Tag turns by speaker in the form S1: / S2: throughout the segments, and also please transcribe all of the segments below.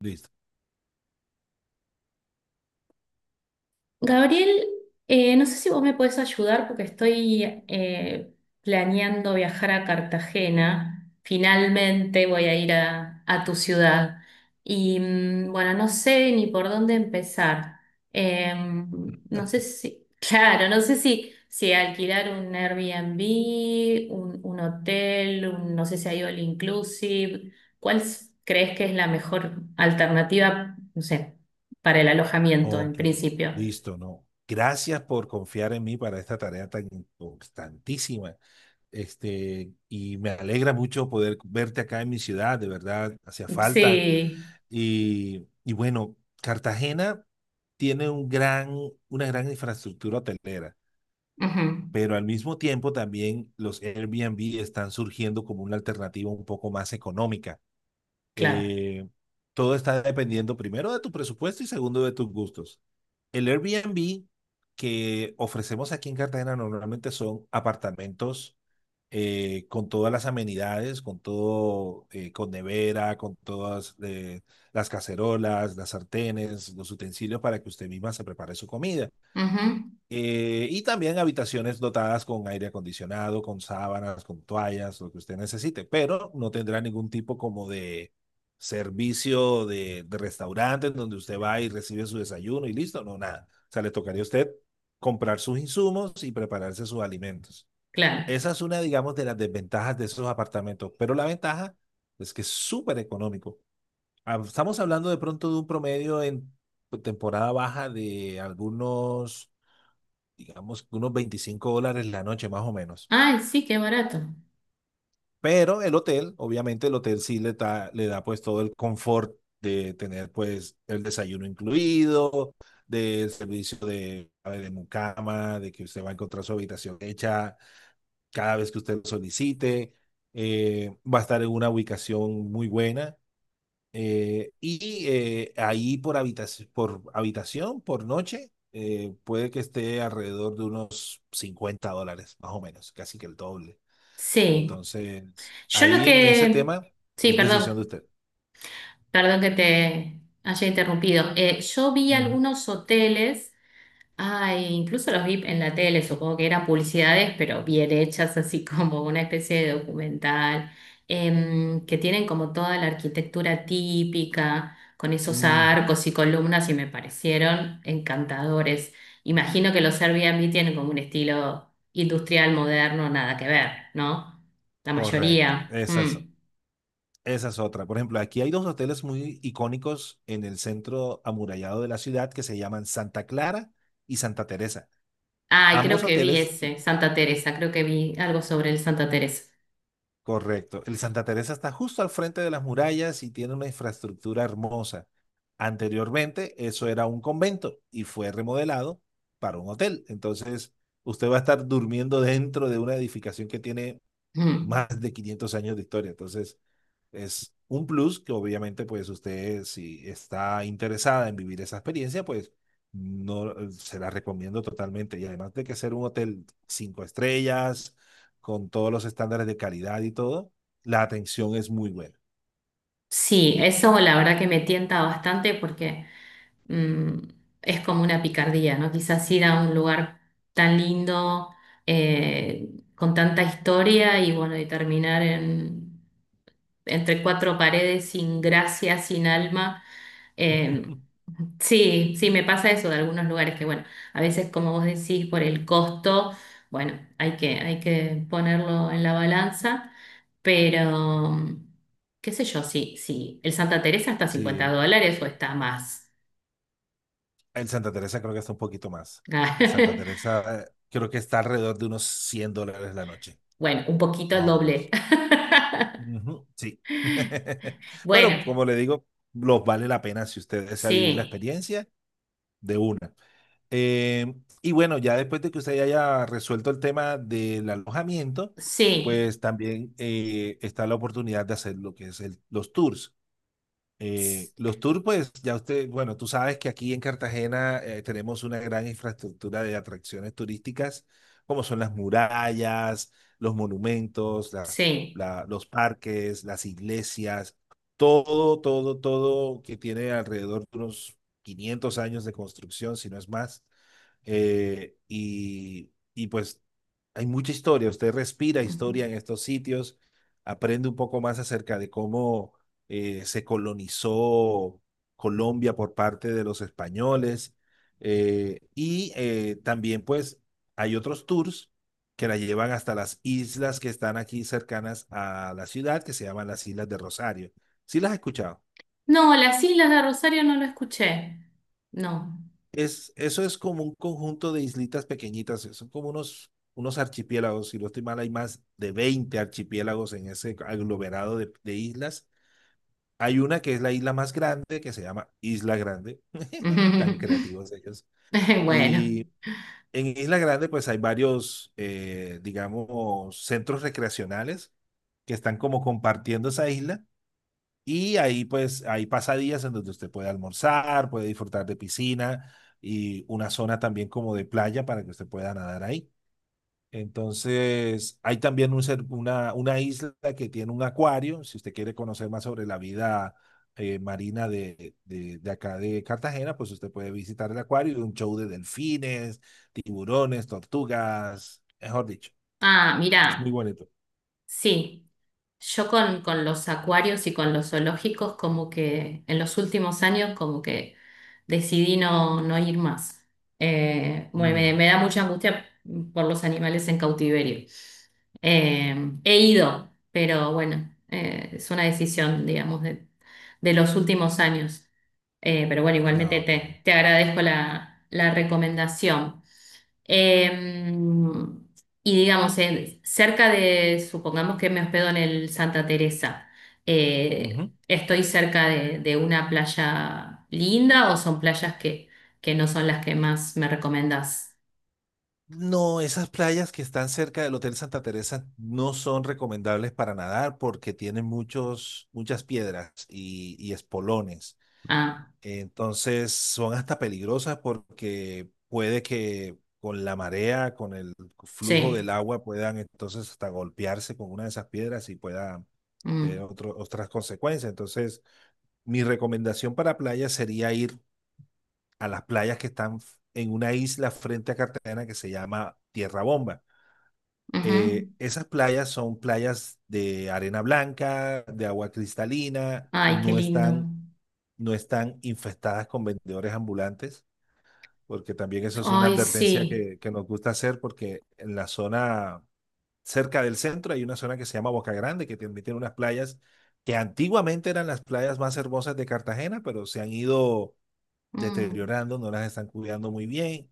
S1: Listo.
S2: Gabriel, no sé si vos me puedes ayudar porque estoy planeando viajar a Cartagena. Finalmente voy a ir a tu ciudad. Bueno, no sé ni por dónde empezar. Eh, no sé si, claro, no sé si, si alquilar un Airbnb, un hotel, un- no sé si hay all inclusive. ¿Cuál s- crees que es la mejor alternativa, no sé, para el alojamiento en
S1: Ok,
S2: principio?
S1: listo, no. Gracias por confiar en mí para esta tarea tan importantísima. Y me alegra mucho poder verte acá en mi ciudad, de verdad, hacía falta.
S2: Sí,
S1: Y bueno, Cartagena tiene una gran infraestructura hotelera,
S2: ujú,
S1: pero al mismo tiempo también los Airbnb están surgiendo como una alternativa un poco más económica.
S2: claro,
S1: Eh, Todo está dependiendo primero de tu presupuesto y segundo de tus gustos. El Airbnb que ofrecemos aquí en Cartagena normalmente son apartamentos con todas las amenidades, con todo, con nevera, con todas las cacerolas, las sartenes, los utensilios para que usted misma se prepare su comida.
S2: ujú,
S1: Y también habitaciones dotadas con aire acondicionado, con sábanas, con toallas, lo que usted necesite, pero no tendrá ningún tipo como de servicio de restaurante en donde usted va y recibe su desayuno y listo, no, nada. O sea, le tocaría a usted comprar sus insumos y prepararse sus alimentos.
S2: claro.
S1: Esa es una, digamos, de las desventajas de esos apartamentos, pero la ventaja es que es súper económico. Ah, estamos hablando de pronto de un promedio en temporada baja de algunos, digamos, unos $25 la noche, más o menos.
S2: Ay, sí, qué barato.
S1: Pero el hotel, obviamente el hotel sí le da pues todo el confort de tener pues el desayuno incluido, del servicio de mucama, de que usted va a encontrar su habitación hecha cada vez que usted lo solicite. Va a estar en una ubicación muy buena. Ahí por habitación, por habitación, por noche, puede que esté alrededor de unos $50, más o menos, casi que el doble.
S2: Sí,
S1: Entonces,
S2: yo lo
S1: ahí en ese
S2: que...
S1: tema
S2: Sí,
S1: es decisión de
S2: perdón,
S1: usted.
S2: perdón que te haya interrumpido. Yo vi
S1: Ujú,
S2: algunos hoteles. Ay, incluso los vi en la tele, supongo que eran publicidades, pero bien hechas, así como una especie de documental, que tienen como toda la arquitectura típica, con esos
S1: ujú.
S2: arcos y columnas, y me parecieron encantadores. Imagino que los Airbnb tienen como un estilo industrial moderno, nada que ver, ¿no? La
S1: Correcto,
S2: mayoría. Mm.
S1: esa es otra. Por ejemplo, aquí hay dos hoteles muy icónicos en el centro amurallado de la ciudad que se llaman Santa Clara y Santa Teresa.
S2: Ay, creo
S1: Ambos
S2: que vi
S1: hoteles.
S2: ese, Santa Teresa, creo que vi algo sobre el Santa Teresa.
S1: Correcto. El Santa Teresa está justo al frente de las murallas y tiene una infraestructura hermosa. Anteriormente, eso era un convento y fue remodelado para un hotel. Entonces, usted va a estar durmiendo dentro de una edificación que tiene
S2: Mm.
S1: más de 500 años de historia. Entonces, es un plus que obviamente, pues usted, si está interesada en vivir esa experiencia, pues no, se la recomiendo totalmente. Y además de que ser un hotel cinco estrellas, con todos los estándares de calidad y todo, la atención es muy buena.
S2: Sí, eso la verdad que me tienta bastante porque mm, es como una picardía, ¿no? Quizás ir a un lugar tan lindo, eh, con tanta historia y bueno, y terminar en, entre cuatro paredes sin gracia, sin alma. Eh, sí, sí, me pasa eso de algunos lugares que bueno, a veces como vos decís, por el costo, bueno, hay que ponerlo en la balanza, pero qué sé yo, si, si el Santa Teresa está a 50
S1: Sí,
S2: dólares o está más.
S1: el Santa Teresa creo que está un poquito más. El Santa Teresa, creo que está alrededor de unos $100 la noche,
S2: Bueno, un poquito
S1: más
S2: el
S1: o
S2: doble.
S1: menos. Ujú, sí. Pero
S2: Bueno,
S1: como le digo, los vale la pena si usted desea vivir la
S2: sí,
S1: experiencia de una. Eh, y bueno, ya después de que usted haya resuelto el tema del alojamiento,
S2: sí,
S1: pues también, está la oportunidad de hacer lo que es los tours.
S2: s-
S1: Los tours, pues ya usted, bueno, tú sabes que aquí en Cartagena tenemos una gran infraestructura de atracciones turísticas, como son las murallas, los monumentos,
S2: sí.
S1: los parques, las iglesias, todo, todo, todo que tiene alrededor de unos 500 años de construcción, si no es más. Y pues hay mucha historia, usted respira
S2: Ujú.
S1: historia en estos sitios, aprende un poco más acerca de cómo se colonizó Colombia por parte de los españoles. También pues hay otros tours que la llevan hasta las islas que están aquí cercanas a la ciudad, que se llaman las Islas de Rosario. ¿Sí las has escuchado?
S2: No, las Islas de Rosario no lo escuché. No.
S1: Eso es como un conjunto de islitas pequeñitas, son como unos, unos archipiélagos, si no estoy mal, hay más de 20 archipiélagos en ese aglomerado de islas. Hay una que es la isla más grande, que se llama Isla Grande, tan creativos ellos.
S2: Bueno.
S1: Y en Isla Grande pues hay varios, digamos, centros recreacionales que están como compartiendo esa isla y ahí pues hay pasadías en donde usted puede almorzar, puede disfrutar de piscina y una zona también como de playa para que usted pueda nadar ahí. Entonces, hay también una isla que tiene un acuario. Si usted quiere conocer más sobre la vida marina de acá de Cartagena, pues usted puede visitar el acuario y un show de delfines, tiburones, tortugas, mejor dicho,
S2: Ah,
S1: es muy
S2: mira.
S1: bonito.
S2: Sí, yo con los acuarios y con los zoológicos como que en los últimos años como que decidí no, no ir más. Bueno, me,
S1: Ujú.
S2: me da mucha angustia por los animales en cautiverio. Eh, he ido, pero bueno, es una decisión, digamos, de los últimos años. Pero bueno, igualmente
S1: Ah, ok.
S2: te, te agradezco la, la recomendación. Eh, y digamos, en- cerca de, supongamos que me hospedo en el Santa Teresa,
S1: Ujú.
S2: ¿estoy cerca de una playa linda o son playas que no son las que más me recomendás?
S1: No, esas playas que están cerca del Hotel Santa Teresa no son recomendables para nadar porque tienen muchas piedras y espolones.
S2: Ah,
S1: Entonces son hasta peligrosas porque puede que con la marea, con el flujo del
S2: sí.
S1: agua, puedan entonces hasta golpearse con una de esas piedras y pueda tener
S2: Mm,
S1: otras consecuencias. Entonces, mi recomendación para playas sería ir a las playas que están en una isla frente a Cartagena que se llama Tierra Bomba.
S2: ujú.
S1: Esas playas son playas de arena blanca, de agua cristalina,
S2: Ay, qué
S1: no
S2: lindo.
S1: están, no están infestadas con vendedores ambulantes, porque también eso es una
S2: Ay,
S1: advertencia
S2: sí.
S1: que nos gusta hacer, porque en la zona cerca del centro hay una zona que se llama Boca Grande, que también tiene unas playas que antiguamente eran las playas más hermosas de Cartagena, pero se han ido
S2: Mm,
S1: deteriorando, no las están cuidando muy bien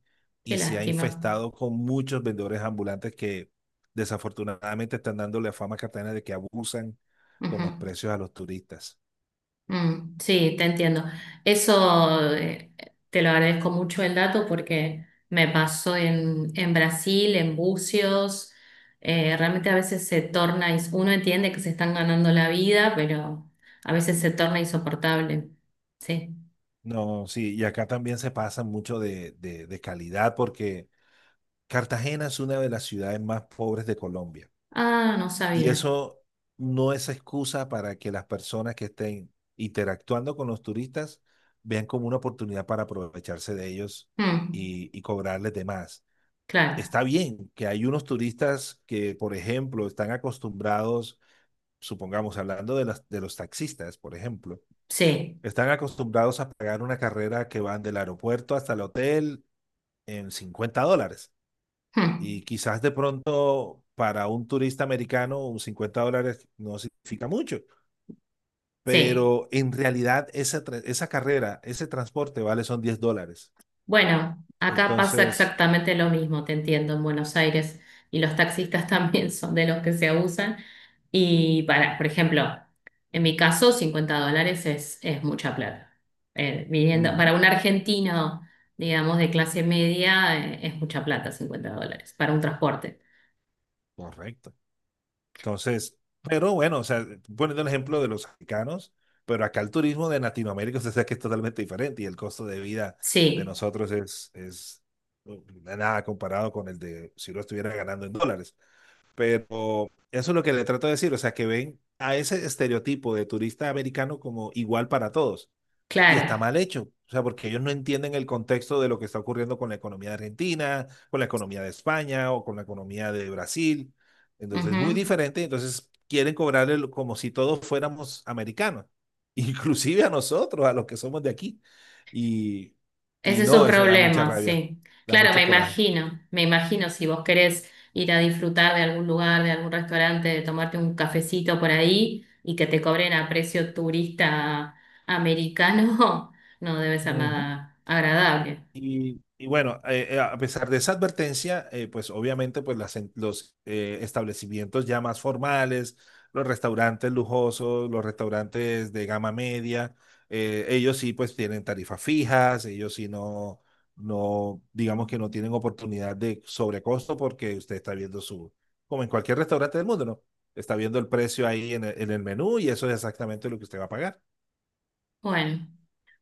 S2: qué
S1: y se ha
S2: lástima.
S1: infestado con muchos vendedores ambulantes que desafortunadamente están dándole a fama a Cartagena de que abusan con los
S2: Ujú.
S1: precios a los turistas.
S2: Mm, sí, te entiendo. Eso te lo agradezco mucho el dato porque me pasó en Brasil, en Bucios. Realmente a veces se torna, ins- uno entiende que se están ganando la vida, pero a veces se torna insoportable. Sí.
S1: No, sí, y acá también se pasa mucho de calidad porque Cartagena es una de las ciudades más pobres de Colombia
S2: Ah, no
S1: y
S2: sabía.
S1: eso no es excusa para que las personas que estén interactuando con los turistas vean como una oportunidad para aprovecharse de ellos
S2: Mm,
S1: y cobrarles de más.
S2: claro,
S1: Está bien que hay unos turistas que, por ejemplo, están acostumbrados, supongamos, hablando de los taxistas, por ejemplo,
S2: sí.
S1: están acostumbrados a pagar una carrera que van del aeropuerto hasta el hotel en $50.
S2: Mm,
S1: Y quizás de pronto para un turista americano un $50 no significa mucho,
S2: sí.
S1: pero en realidad esa carrera, ese transporte vale son $10.
S2: Bueno, acá pasa
S1: Entonces,
S2: exactamente lo mismo, te entiendo, en Buenos Aires. Y los taxistas también son de los que se abusan. Y para, por ejemplo, en mi caso, $50 es mucha plata.
S1: uh
S2: Viniendo,
S1: -huh,
S2: para un argentino, digamos, de clase media, es mucha plata, $50, para un transporte.
S1: correcto. Entonces, pero bueno, o sea, poniendo el ejemplo de los americanos, pero acá el turismo de Latinoamérica, usted sabe que es totalmente diferente y el costo de vida de
S2: Sí,
S1: nosotros es no, nada comparado con el de si lo estuviera ganando en dólares. Pero eso es lo que le trato de decir, o sea, que ven a ese estereotipo de turista americano como igual para todos y
S2: claro.
S1: está mal hecho. O sea, porque ellos no entienden el contexto de lo que está ocurriendo con la economía de Argentina, con la economía de España o con la economía de Brasil. Entonces, muy
S2: Ujú.
S1: diferente. Entonces, quieren cobrarle como si todos fuéramos americanos, inclusive a nosotros, a los que somos de aquí. Y,
S2: Ese
S1: y
S2: es
S1: no,
S2: su
S1: eso da mucha
S2: problema,
S1: rabia,
S2: sí.
S1: da
S2: Claro,
S1: mucho coraje.
S2: me imagino si vos querés ir a disfrutar de algún lugar, de algún restaurante, de tomarte un cafecito por ahí y que te cobren a precio turista americano, no debe ser
S1: Ujú.
S2: nada agradable.
S1: Y bueno, a pesar de esa advertencia, pues obviamente pues los establecimientos ya más formales, los restaurantes lujosos, los restaurantes de gama media, ellos sí pues tienen tarifas fijas, ellos sí no, no, digamos que no tienen oportunidad de sobrecosto porque usted está viendo su, como en cualquier restaurante del mundo, ¿no? Está viendo el precio ahí en el menú y eso es exactamente lo que usted va a pagar.
S2: Bueno,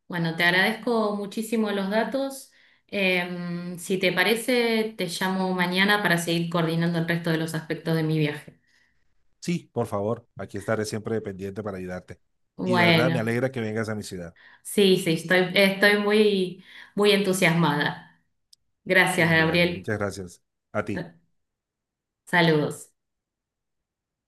S2: bueno, te agradezco muchísimo los datos. Si te parece, te llamo mañana para seguir coordinando el resto de los aspectos de mi viaje.
S1: Sí, por favor, aquí estaré siempre pendiente para ayudarte. Y de verdad me
S2: Bueno,
S1: alegra que vengas a mi ciudad.
S2: sí, sí, estoy, estoy muy, muy entusiasmada. Gracias,
S1: Bueno,
S2: Gabriel.
S1: muchas gracias. A ti.
S2: Saludos.